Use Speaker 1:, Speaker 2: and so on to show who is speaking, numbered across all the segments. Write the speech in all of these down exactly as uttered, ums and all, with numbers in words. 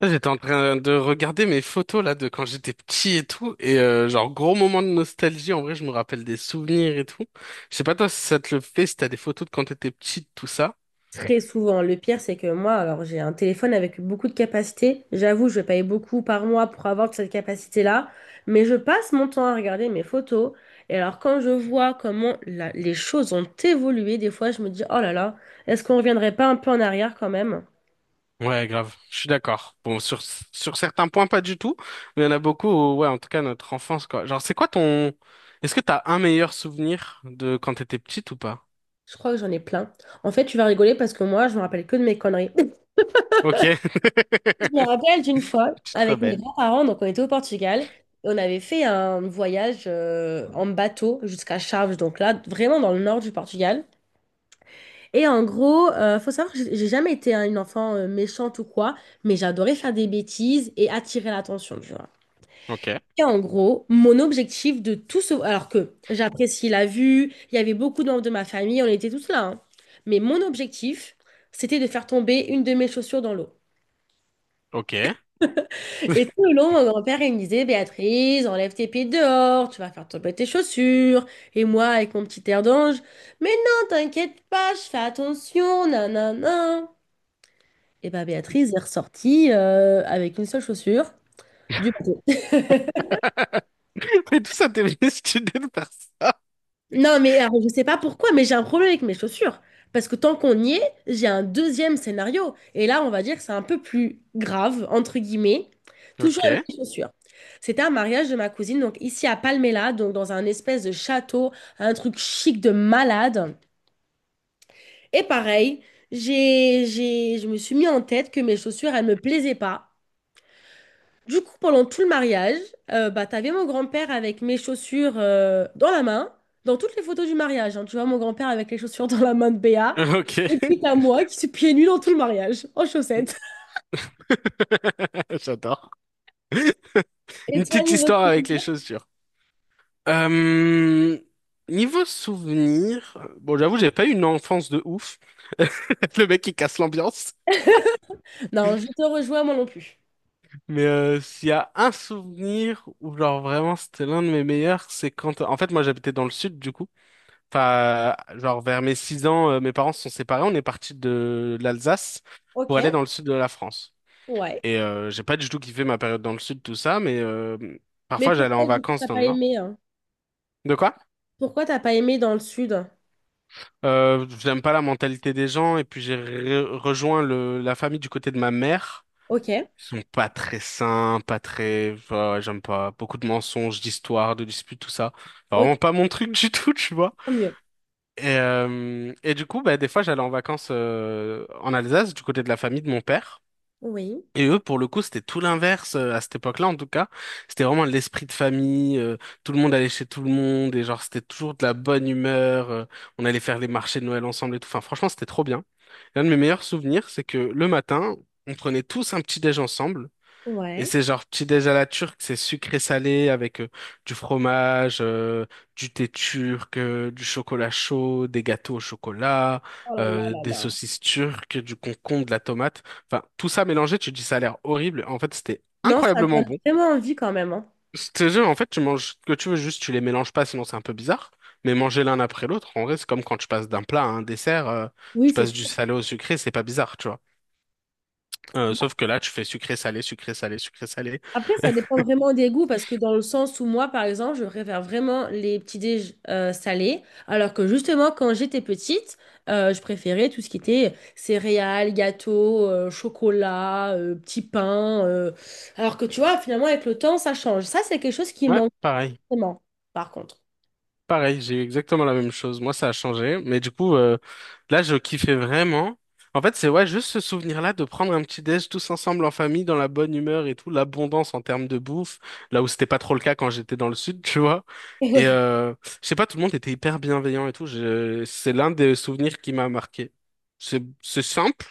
Speaker 1: Là, j'étais en train de regarder mes photos là de quand j'étais petit et tout, et euh, genre, gros moment de nostalgie. En vrai, je me rappelle des souvenirs et tout. Je sais pas toi si ça te le fait, si t'as des photos de quand t'étais petite, tout ça.
Speaker 2: Très souvent. Le pire, c'est que moi, alors j'ai un téléphone avec beaucoup de capacité. J'avoue, je vais payer beaucoup par mois pour avoir cette capacité-là. Mais je passe mon temps à regarder mes photos. Et alors, quand je vois comment la- les choses ont évolué, des fois, je me dis, oh là là, est-ce qu'on reviendrait pas un peu en arrière quand même?
Speaker 1: Ouais, grave, je suis d'accord. Bon, sur sur certains points pas du tout, mais il y en a beaucoup où, ouais, en tout cas notre enfance, quoi. Genre c'est quoi ton, est-ce que t'as un meilleur souvenir de quand t'étais petite ou pas?
Speaker 2: Je crois que j'en ai plein. En fait, tu vas rigoler parce que moi, je me rappelle que de mes conneries.
Speaker 1: Ok.
Speaker 2: Je me rappelle d'une fois
Speaker 1: Tu te
Speaker 2: avec mes
Speaker 1: rebelles.
Speaker 2: grands-parents, donc on était au Portugal. Et on avait fait un voyage euh, en bateau jusqu'à Chaves, donc là, vraiment dans le nord du Portugal. Et en gros, euh, faut savoir que j'ai j'ai jamais été hein, une enfant euh, méchante ou quoi, mais j'adorais faire des bêtises et attirer l'attention, tu vois.
Speaker 1: Ok.
Speaker 2: Et en gros, mon objectif de tout ce... Alors que j'apprécie la vue, il y avait beaucoup de membres de ma famille, on était tous là, hein. Mais mon objectif, c'était de faire tomber une de mes chaussures dans l'eau.
Speaker 1: Ok.
Speaker 2: Et tout le long, mon grand-père, il me disait, Béatrice, enlève tes pieds dehors, tu vas faire tomber tes chaussures. Et moi, avec mon petit air d'ange, mais non, t'inquiète pas, je fais attention, nanana. Et bah Béatrice est ressortie euh, avec une seule chaussure du bateau.
Speaker 1: Mais tout ça t'es venu si tu de faire ça.
Speaker 2: Non, mais alors, je sais pas pourquoi, mais j'ai un problème avec mes chaussures. Parce que tant qu'on y est, j'ai un deuxième scénario. Et là, on va dire que c'est un peu plus grave, entre guillemets, toujours avec
Speaker 1: Ok.
Speaker 2: les chaussures. C'était un mariage de ma cousine, donc ici à Palmela, donc dans un espèce de château, un truc chic de malade. Et pareil, j'ai, j'ai, je me suis mis en tête que mes chaussures, elles me plaisaient pas. Du coup, pendant tout le mariage, euh, bah, t'avais mon grand-père avec mes chaussures euh, dans la main, dans toutes les photos du mariage, hein. Tu vois mon grand-père avec les chaussures dans la main de Béa. Et
Speaker 1: Ok.
Speaker 2: puis t'as moi qui suis pieds nus dans tout le mariage, en chaussettes.
Speaker 1: J'adore.
Speaker 2: Et
Speaker 1: Une
Speaker 2: toi,
Speaker 1: petite
Speaker 2: niveau
Speaker 1: histoire avec les
Speaker 2: souvenir?
Speaker 1: chaussures. Euh, niveau souvenir, bon, j'avoue, j'ai pas eu une enfance de ouf. Le mec, il casse l'ambiance.
Speaker 2: Non, je te rejoins, moi non plus.
Speaker 1: Mais euh, s'il y a un souvenir où, genre, vraiment, c'était l'un de mes meilleurs, c'est quand... En fait, moi, j'habitais dans le sud, du coup. Enfin, genre, vers mes six ans, euh, mes parents se sont séparés. On est parti de l'Alsace pour aller
Speaker 2: Ok.
Speaker 1: dans le sud de la France.
Speaker 2: Ouais.
Speaker 1: Et euh, j'ai pas du tout kiffé ma période dans le sud, tout ça, mais euh,
Speaker 2: Mais
Speaker 1: parfois, j'allais en
Speaker 2: pourquoi, du coup,
Speaker 1: vacances
Speaker 2: t'as
Speaker 1: dans
Speaker 2: pas
Speaker 1: le nord.
Speaker 2: aimé, hein?
Speaker 1: De quoi?
Speaker 2: Pourquoi t'as pas aimé dans le sud?
Speaker 1: Euh, j'aime pas la mentalité des gens et puis j'ai re- rejoint le, la famille du côté de ma mère.
Speaker 2: Ok,
Speaker 1: Ils sont pas très sains, pas très, enfin, ouais, j'aime pas beaucoup de mensonges, d'histoires, de disputes, tout ça. Enfin, vraiment
Speaker 2: ok,
Speaker 1: pas mon truc du tout, tu vois.
Speaker 2: tant mieux.
Speaker 1: Et, euh, et du coup, bah, des fois, j'allais en vacances euh, en Alsace du côté de la famille de mon père.
Speaker 2: Oui,
Speaker 1: Et eux, pour le coup, c'était tout l'inverse euh, à cette époque-là, en tout cas. C'était vraiment l'esprit de famille. Euh, tout le monde allait chez tout le monde et genre c'était toujours de la bonne humeur. Euh, on allait faire les marchés de Noël ensemble et tout. Enfin, franchement, c'était trop bien. L'un de mes meilleurs souvenirs, c'est que le matin, on prenait tous un petit déj ensemble. Et
Speaker 2: ouais.
Speaker 1: c'est genre petit déj à la turque, c'est sucré salé avec euh, du fromage, euh, du thé turc, euh, du chocolat chaud, des gâteaux au chocolat,
Speaker 2: Oh là là
Speaker 1: euh,
Speaker 2: là
Speaker 1: des
Speaker 2: là.
Speaker 1: saucisses turques, du concombre, de la tomate. Enfin, tout ça mélangé, tu te dis ça a l'air horrible. En fait, c'était
Speaker 2: Non, ça
Speaker 1: incroyablement
Speaker 2: donne
Speaker 1: bon.
Speaker 2: vraiment envie quand même, hein.
Speaker 1: C'était jeu, en fait, tu manges ce que tu veux, juste tu les mélanges pas, sinon c'est un peu bizarre. Mais manger l'un après l'autre, en vrai, c'est comme quand tu passes d'un plat à un dessert, euh,
Speaker 2: Oui,
Speaker 1: tu
Speaker 2: c'est
Speaker 1: passes
Speaker 2: sûr.
Speaker 1: du salé au sucré, c'est pas bizarre, tu vois. Euh, sauf que là, tu fais sucré salé, sucré salé, sucré salé.
Speaker 2: Après, ça dépend vraiment des goûts parce que dans le sens où moi, par exemple, je préfère vraiment les petits déj euh, salés, alors que justement, quand j'étais petite, euh, je préférais tout ce qui était céréales, gâteaux, euh, chocolat, euh, petits pains. euh. Alors que tu vois, finalement, avec le temps, ça change. Ça, c'est quelque chose qui me
Speaker 1: Ouais,
Speaker 2: manque
Speaker 1: pareil.
Speaker 2: vraiment, par contre.
Speaker 1: Pareil, j'ai eu exactement la même chose. Moi, ça a changé. Mais du coup, euh, là, je kiffais vraiment. En fait, c'est ouais, juste ce souvenir-là de prendre un petit déj tous ensemble en famille, dans la bonne humeur et tout, l'abondance en termes de bouffe, là où c'était pas trop le cas quand j'étais dans le sud, tu vois.
Speaker 2: Et
Speaker 1: Et
Speaker 2: ouais.
Speaker 1: euh, je sais pas, tout le monde était hyper bienveillant et tout. Je... C'est l'un des souvenirs qui m'a marqué. C'est c'est simple,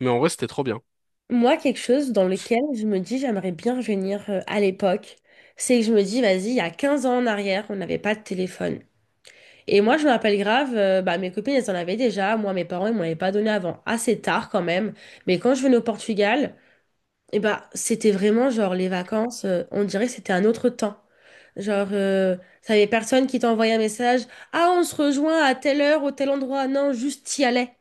Speaker 1: mais en vrai, c'était trop bien.
Speaker 2: Moi, quelque chose dans lequel je me dis, j'aimerais bien revenir euh, à l'époque, c'est que je me dis, vas-y, il y a quinze ans en arrière, on n'avait pas de téléphone. Et moi, je me rappelle grave, euh, bah, mes copines, elles en avaient déjà. Moi, mes parents, ils m'en avaient pas donné avant. Assez tard, quand même. Mais quand je venais au Portugal, et bah, c'était vraiment genre les vacances, euh, on dirait que c'était un autre temps. Genre, euh, t'avais personne qui t'envoyait un message. Ah, on se rejoint à telle heure, au tel endroit. Non, juste t'y allais.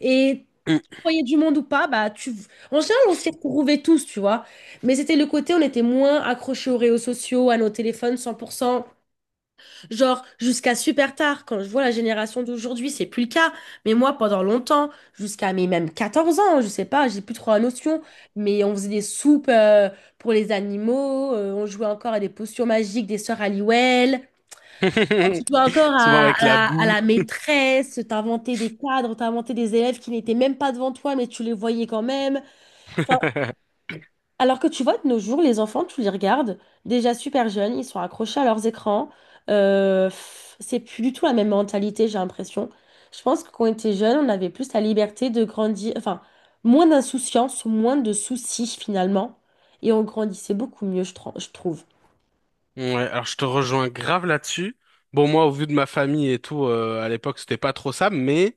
Speaker 2: Et
Speaker 1: Mm.
Speaker 2: tu voyais du monde ou pas, bah, tu... En général, on s'y retrouvait tous, tu vois. Mais c'était le côté, on était moins accrochés aux réseaux sociaux, à nos téléphones cent pour cent. Genre, jusqu'à super tard, quand je vois la génération d'aujourd'hui, c'est plus le cas. Mais moi, pendant longtemps, jusqu'à mes même quatorze ans, je sais pas, j'ai plus trop la notion, mais on faisait des soupes euh, pour les animaux, euh, on jouait encore à des potions magiques des sœurs Halliwell, tu jouais encore
Speaker 1: Souvent
Speaker 2: à,
Speaker 1: avec
Speaker 2: à
Speaker 1: la
Speaker 2: la, à
Speaker 1: boue.
Speaker 2: la maîtresse, t'inventais des cadres, t'inventais des élèves qui n'étaient même pas devant toi, mais tu les voyais quand même. Enfin, alors que tu vois, de nos jours, les enfants, tu les regardes, déjà super jeunes, ils sont accrochés à leurs écrans. Euh, pff, c'est plus du tout la même mentalité, j'ai l'impression. Je pense que quand on était jeunes, on avait plus la liberté de grandir, enfin, moins d'insouciance, moins de soucis finalement. Et on grandissait beaucoup mieux, je, tr- je trouve.
Speaker 1: Ouais, alors je te rejoins grave là-dessus. Bon, moi, au vu de ma famille et tout, euh, à l'époque, c'était pas trop ça, mais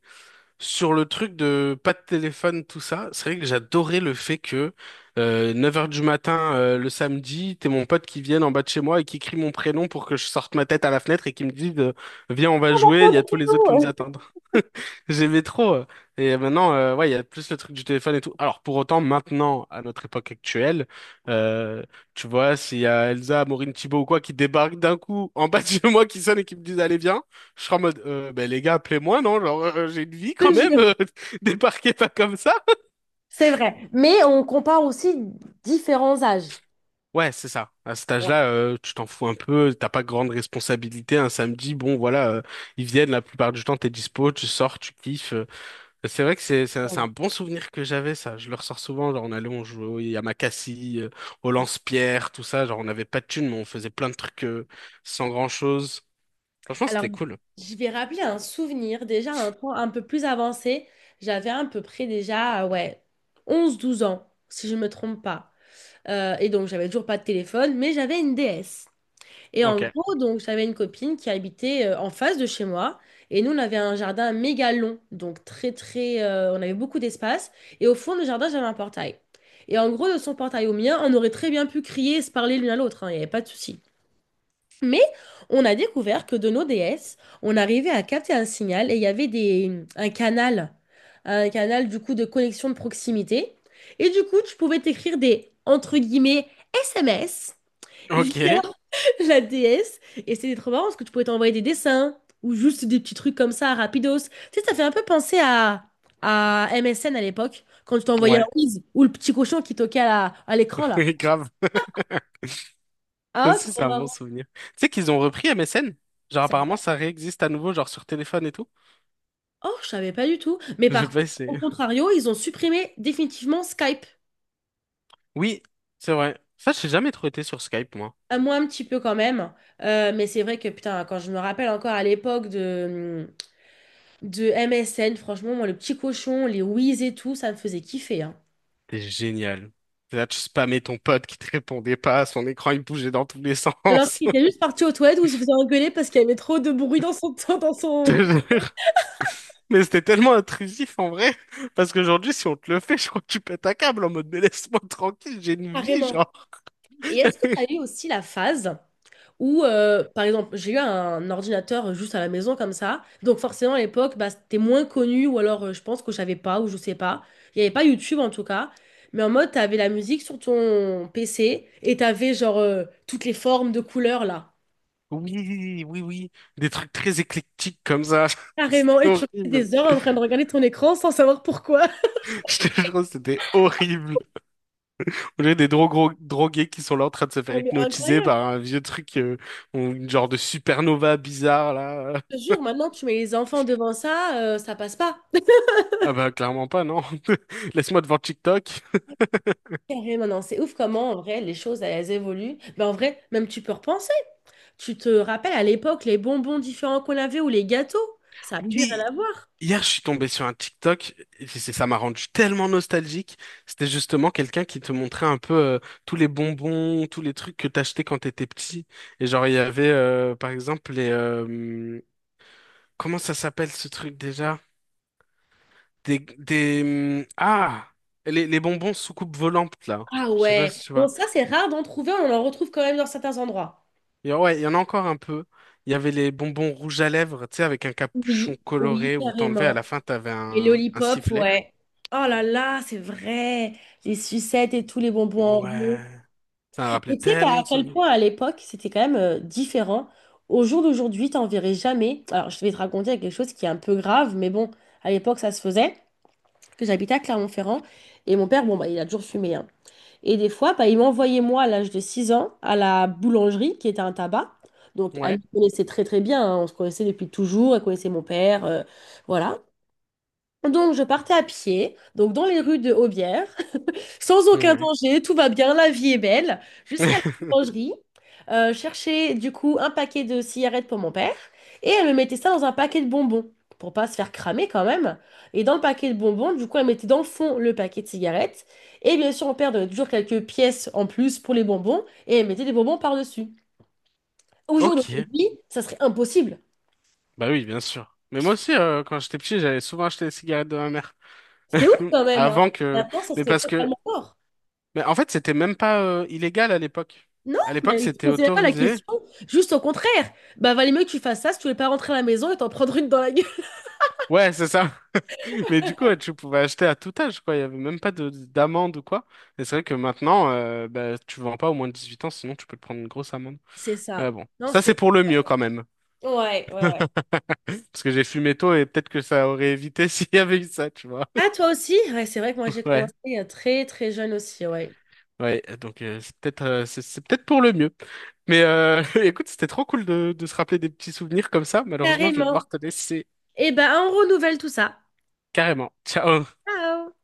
Speaker 1: sur le truc de pas de téléphone, tout ça, c'est vrai que j'adorais le fait que euh, neuf heures du matin, euh, le samedi, t'es mon pote qui vienne en bas de chez moi et qui crie mon prénom pour que je sorte ma tête à la fenêtre et qui me dise euh, viens, on va jouer, il y a tous les autres qui nous attendent. J'aimais trop. euh. Et maintenant, euh, ouais, il y a plus le truc du téléphone et tout. Alors, pour autant, maintenant, à notre époque actuelle, euh, tu vois, s'il y a Elsa, Maureen Thibault ou quoi qui débarque d'un coup en bas de chez moi, qui sonne et qui me disent, allez, viens. Je serais en mode, euh, ben, les gars, appelez-moi, non? Genre, euh, j'ai une vie
Speaker 2: Je
Speaker 1: quand
Speaker 2: te
Speaker 1: même,
Speaker 2: jure.
Speaker 1: euh, débarquez pas comme ça.
Speaker 2: C'est vrai. Mais on compare aussi différents âges.
Speaker 1: Ouais, c'est ça. À cet âge-là, euh, tu t'en fous un peu, t'as pas grande responsabilité. Un samedi, bon, voilà, euh, ils viennent la plupart du temps, t'es dispo, tu sors, tu kiffes. euh. C'est vrai que c'est c'est un, c'est un bon souvenir que j'avais, ça. Je le ressors souvent, genre, on allait, on jouait à Makassi, euh, au lance-pierre, tout ça. Genre, on avait pas de thunes, mais on faisait plein de trucs euh, sans grand-chose. Franchement,
Speaker 2: Alors,
Speaker 1: c'était cool.
Speaker 2: je vais rappeler un souvenir, déjà un temps un peu plus avancé. J'avais à peu près déjà, euh, ouais, onze douze ans, si je ne me trompe pas. Euh, et donc, j'avais toujours pas de téléphone, mais j'avais une D S. Et en
Speaker 1: Ok.
Speaker 2: gros, donc, j'avais une copine qui habitait euh, en face de chez moi. Et nous, on avait un jardin méga long, donc très, très. euh, on avait beaucoup d'espace. Et au fond du jardin, j'avais un portail. Et en gros, de son portail au mien, on aurait très bien pu crier et se parler l'une à l'autre, hein, il n'y avait pas de souci. Mais on a découvert que de nos D S, on arrivait à capter un signal et il y avait des, un canal, un canal du coup de connexion de proximité. Et du coup, tu pouvais t'écrire des, entre guillemets, S M S via
Speaker 1: Ok.
Speaker 2: la D S. Et c'était trop marrant parce que tu pouvais t'envoyer des dessins ou juste des petits trucs comme ça, rapidos. Tu sais, ça fait un peu penser à, à M S N à l'époque, quand tu t'envoyais un
Speaker 1: Ouais.
Speaker 2: whiz ou le petit cochon qui toquait à la- à l'écran là.
Speaker 1: Oui, grave. Toi
Speaker 2: Ah,
Speaker 1: aussi,
Speaker 2: trop
Speaker 1: c'est un bon
Speaker 2: marrant.
Speaker 1: souvenir. Tu sais qu'ils ont repris M S N. Genre, apparemment,
Speaker 2: Sérieux?
Speaker 1: ça réexiste à nouveau, genre sur téléphone et tout.
Speaker 2: Oh, je savais pas du tout. Mais
Speaker 1: Je
Speaker 2: par contre,
Speaker 1: pas
Speaker 2: au
Speaker 1: essayé.
Speaker 2: contrario, ils ont supprimé définitivement Skype.
Speaker 1: Oui, c'est vrai. Ça, j'ai jamais trop été sur Skype, moi.
Speaker 2: À moi, un petit peu quand même. Euh, mais c'est vrai que, putain, quand je me rappelle encore à l'époque de, hum, de M S N, franchement, moi, le petit cochon, les whiz et tout, ça me faisait kiffer, hein.
Speaker 1: T'es génial. Là, tu spammais ton pote qui te répondait pas, son écran, il bougeait dans tous les
Speaker 2: Alors
Speaker 1: sens.
Speaker 2: qu'il était juste parti aux toilettes où il se faisait engueuler parce qu'il y avait trop de bruit dans son, dans
Speaker 1: Je te
Speaker 2: son...
Speaker 1: jure. Mais c'était tellement intrusif, en vrai. Parce qu'aujourd'hui, si on te le fait, je crois que tu pètes un câble en mode, mais laisse-moi tranquille, j'ai une vie,
Speaker 2: Carrément.
Speaker 1: genre.
Speaker 2: Et est-ce que tu as eu aussi la phase? Ou, euh, par exemple, j'ai eu un ordinateur juste à la maison comme ça. Donc, forcément, à l'époque, bah, c'était moins connu, ou alors euh, je pense que je savais pas, ou je sais pas. Il n'y avait pas YouTube en tout cas. Mais en mode, t'avais la musique sur ton P C et t'avais genre euh, toutes les formes de couleurs là.
Speaker 1: Oui, oui, oui. Des trucs très éclectiques comme ça.
Speaker 2: Carrément.
Speaker 1: C'était
Speaker 2: Et tu restais
Speaker 1: horrible.
Speaker 2: des heures en train de regarder ton écran sans savoir pourquoi.
Speaker 1: Je te jure, c'était horrible. On a des dro- gros- drogués qui sont là en train de se faire
Speaker 2: Non, mais
Speaker 1: hypnotiser
Speaker 2: incroyable.
Speaker 1: par un vieux truc, euh, ou une genre de supernova bizarre, là.
Speaker 2: Je te jure, maintenant, tu mets les enfants devant ça, euh, ça passe pas.
Speaker 1: Ah bah, clairement pas, non. Laisse-moi devant TikTok.
Speaker 2: Carrément, non, c'est ouf comment, en vrai, les choses, elles, évoluent. Mais en vrai, même tu peux repenser. Tu te rappelles à l'époque les bonbons différents qu'on avait ou les gâteaux? Ça a plus
Speaker 1: Oui,
Speaker 2: rien à voir.
Speaker 1: hier, je suis tombé sur un TikTok, et c'est- ça m'a rendu tellement nostalgique. C'était justement quelqu'un qui te montrait un peu euh, tous les bonbons, tous les trucs que t'achetais quand t'étais petit. Et genre, il y avait, euh, par exemple, les... euh, comment ça s'appelle ce truc déjà? Des, des, hum, ah, les, les bonbons soucoupe volantes là.
Speaker 2: Ah
Speaker 1: Je sais pas
Speaker 2: ouais.
Speaker 1: si tu
Speaker 2: Bon,
Speaker 1: vois.
Speaker 2: ça, c'est rare d'en trouver, on en retrouve quand même dans certains endroits.
Speaker 1: Il y a- ouais, il y en a encore un peu. Il y avait les bonbons rouges à lèvres, tu sais, avec un capuchon
Speaker 2: Oui, oui,
Speaker 1: coloré où t'enlevais à la
Speaker 2: carrément.
Speaker 1: fin, t'avais
Speaker 2: Les
Speaker 1: un, un
Speaker 2: lollipops,
Speaker 1: sifflet.
Speaker 2: ouais. Oh là là, c'est vrai. Les sucettes et tous les bonbons en rond.
Speaker 1: Ouais. Ça me rappelait
Speaker 2: Et tu sais qu'à
Speaker 1: tellement
Speaker 2: à
Speaker 1: de
Speaker 2: quel
Speaker 1: souvenirs.
Speaker 2: point à l'époque, c'était quand même euh, différent. Au jour d'aujourd'hui, t'en verrais jamais. Alors, je vais te raconter quelque chose qui est un peu grave, mais bon, à l'époque, ça se faisait. Que j'habitais à Clermont-Ferrand et mon père, bon, bah, il a toujours fumé, hein. Et des fois, bah, ils m'envoyaient moi à l'âge de six ans à la boulangerie qui était un tabac. Donc, elle
Speaker 1: Ouais.
Speaker 2: me connaissait très très bien, hein. On se connaissait depuis toujours, elle connaissait mon père, euh, voilà. Donc, je partais à pied, donc dans les rues de Aubière, sans
Speaker 1: Mmh.
Speaker 2: aucun
Speaker 1: Ouais.
Speaker 2: danger, tout va bien, la vie est belle. Jusqu'à la boulangerie, euh, chercher du coup un paquet de cigarettes pour mon père et elle me mettait ça dans un paquet de bonbons pour pas se faire cramer quand même. Et dans le paquet de bonbons, du coup, elle mettait dans le fond le paquet de cigarettes et bien sûr, mon père donnait toujours quelques pièces en plus pour les bonbons et elle mettait des bonbons par-dessus. Au jour
Speaker 1: Ok.
Speaker 2: d'aujourd'hui, ça serait impossible.
Speaker 1: Bah oui, bien sûr. Mais moi aussi, euh, quand j'étais petit, j'allais souvent acheter des cigarettes de ma mère.
Speaker 2: C'était ouf quand même, hein.
Speaker 1: Avant que...
Speaker 2: Maintenant, ça
Speaker 1: Mais
Speaker 2: serait
Speaker 1: parce que...
Speaker 2: totalement mort.
Speaker 1: Mais en fait, c'était même pas euh, illégal à l'époque.
Speaker 2: Non,
Speaker 1: À l'époque,
Speaker 2: mais il ne se
Speaker 1: c'était
Speaker 2: posait pas la
Speaker 1: autorisé.
Speaker 2: question. Juste au contraire. Bah, valait mieux que tu fasses ça si tu ne voulais pas rentrer à la maison et t'en prendre une dans la gueule.
Speaker 1: Ouais, c'est ça. Mais du coup, ouais, tu pouvais acheter à tout âge, quoi. Il y avait même pas de d'amende ou quoi. Et c'est vrai que maintenant, euh, bah, tu vends pas au moins de dix-huit ans, sinon tu peux te prendre une grosse amende.
Speaker 2: C'est
Speaker 1: Ouais,
Speaker 2: ça.
Speaker 1: bon.
Speaker 2: Non,
Speaker 1: Ça, c'est
Speaker 2: c'est.
Speaker 1: pour le mieux quand même.
Speaker 2: Ouais, ouais, ouais.
Speaker 1: Parce que j'ai fumé tôt et peut-être que ça aurait évité s'il y avait eu ça, tu vois.
Speaker 2: Ah, toi aussi? Ouais, c'est vrai que moi, j'ai commencé
Speaker 1: Ouais.
Speaker 2: euh, très, très jeune aussi, ouais.
Speaker 1: Ouais. Donc, euh, c'est peut-être euh, c'est c'est peut-être pour le mieux. Mais euh, écoute, c'était trop cool de, de se rappeler des petits souvenirs comme ça. Malheureusement, je vais devoir
Speaker 2: Carrément.
Speaker 1: te laisser
Speaker 2: Eh ben, on renouvelle tout ça.
Speaker 1: carrément. Ciao.
Speaker 2: Ciao!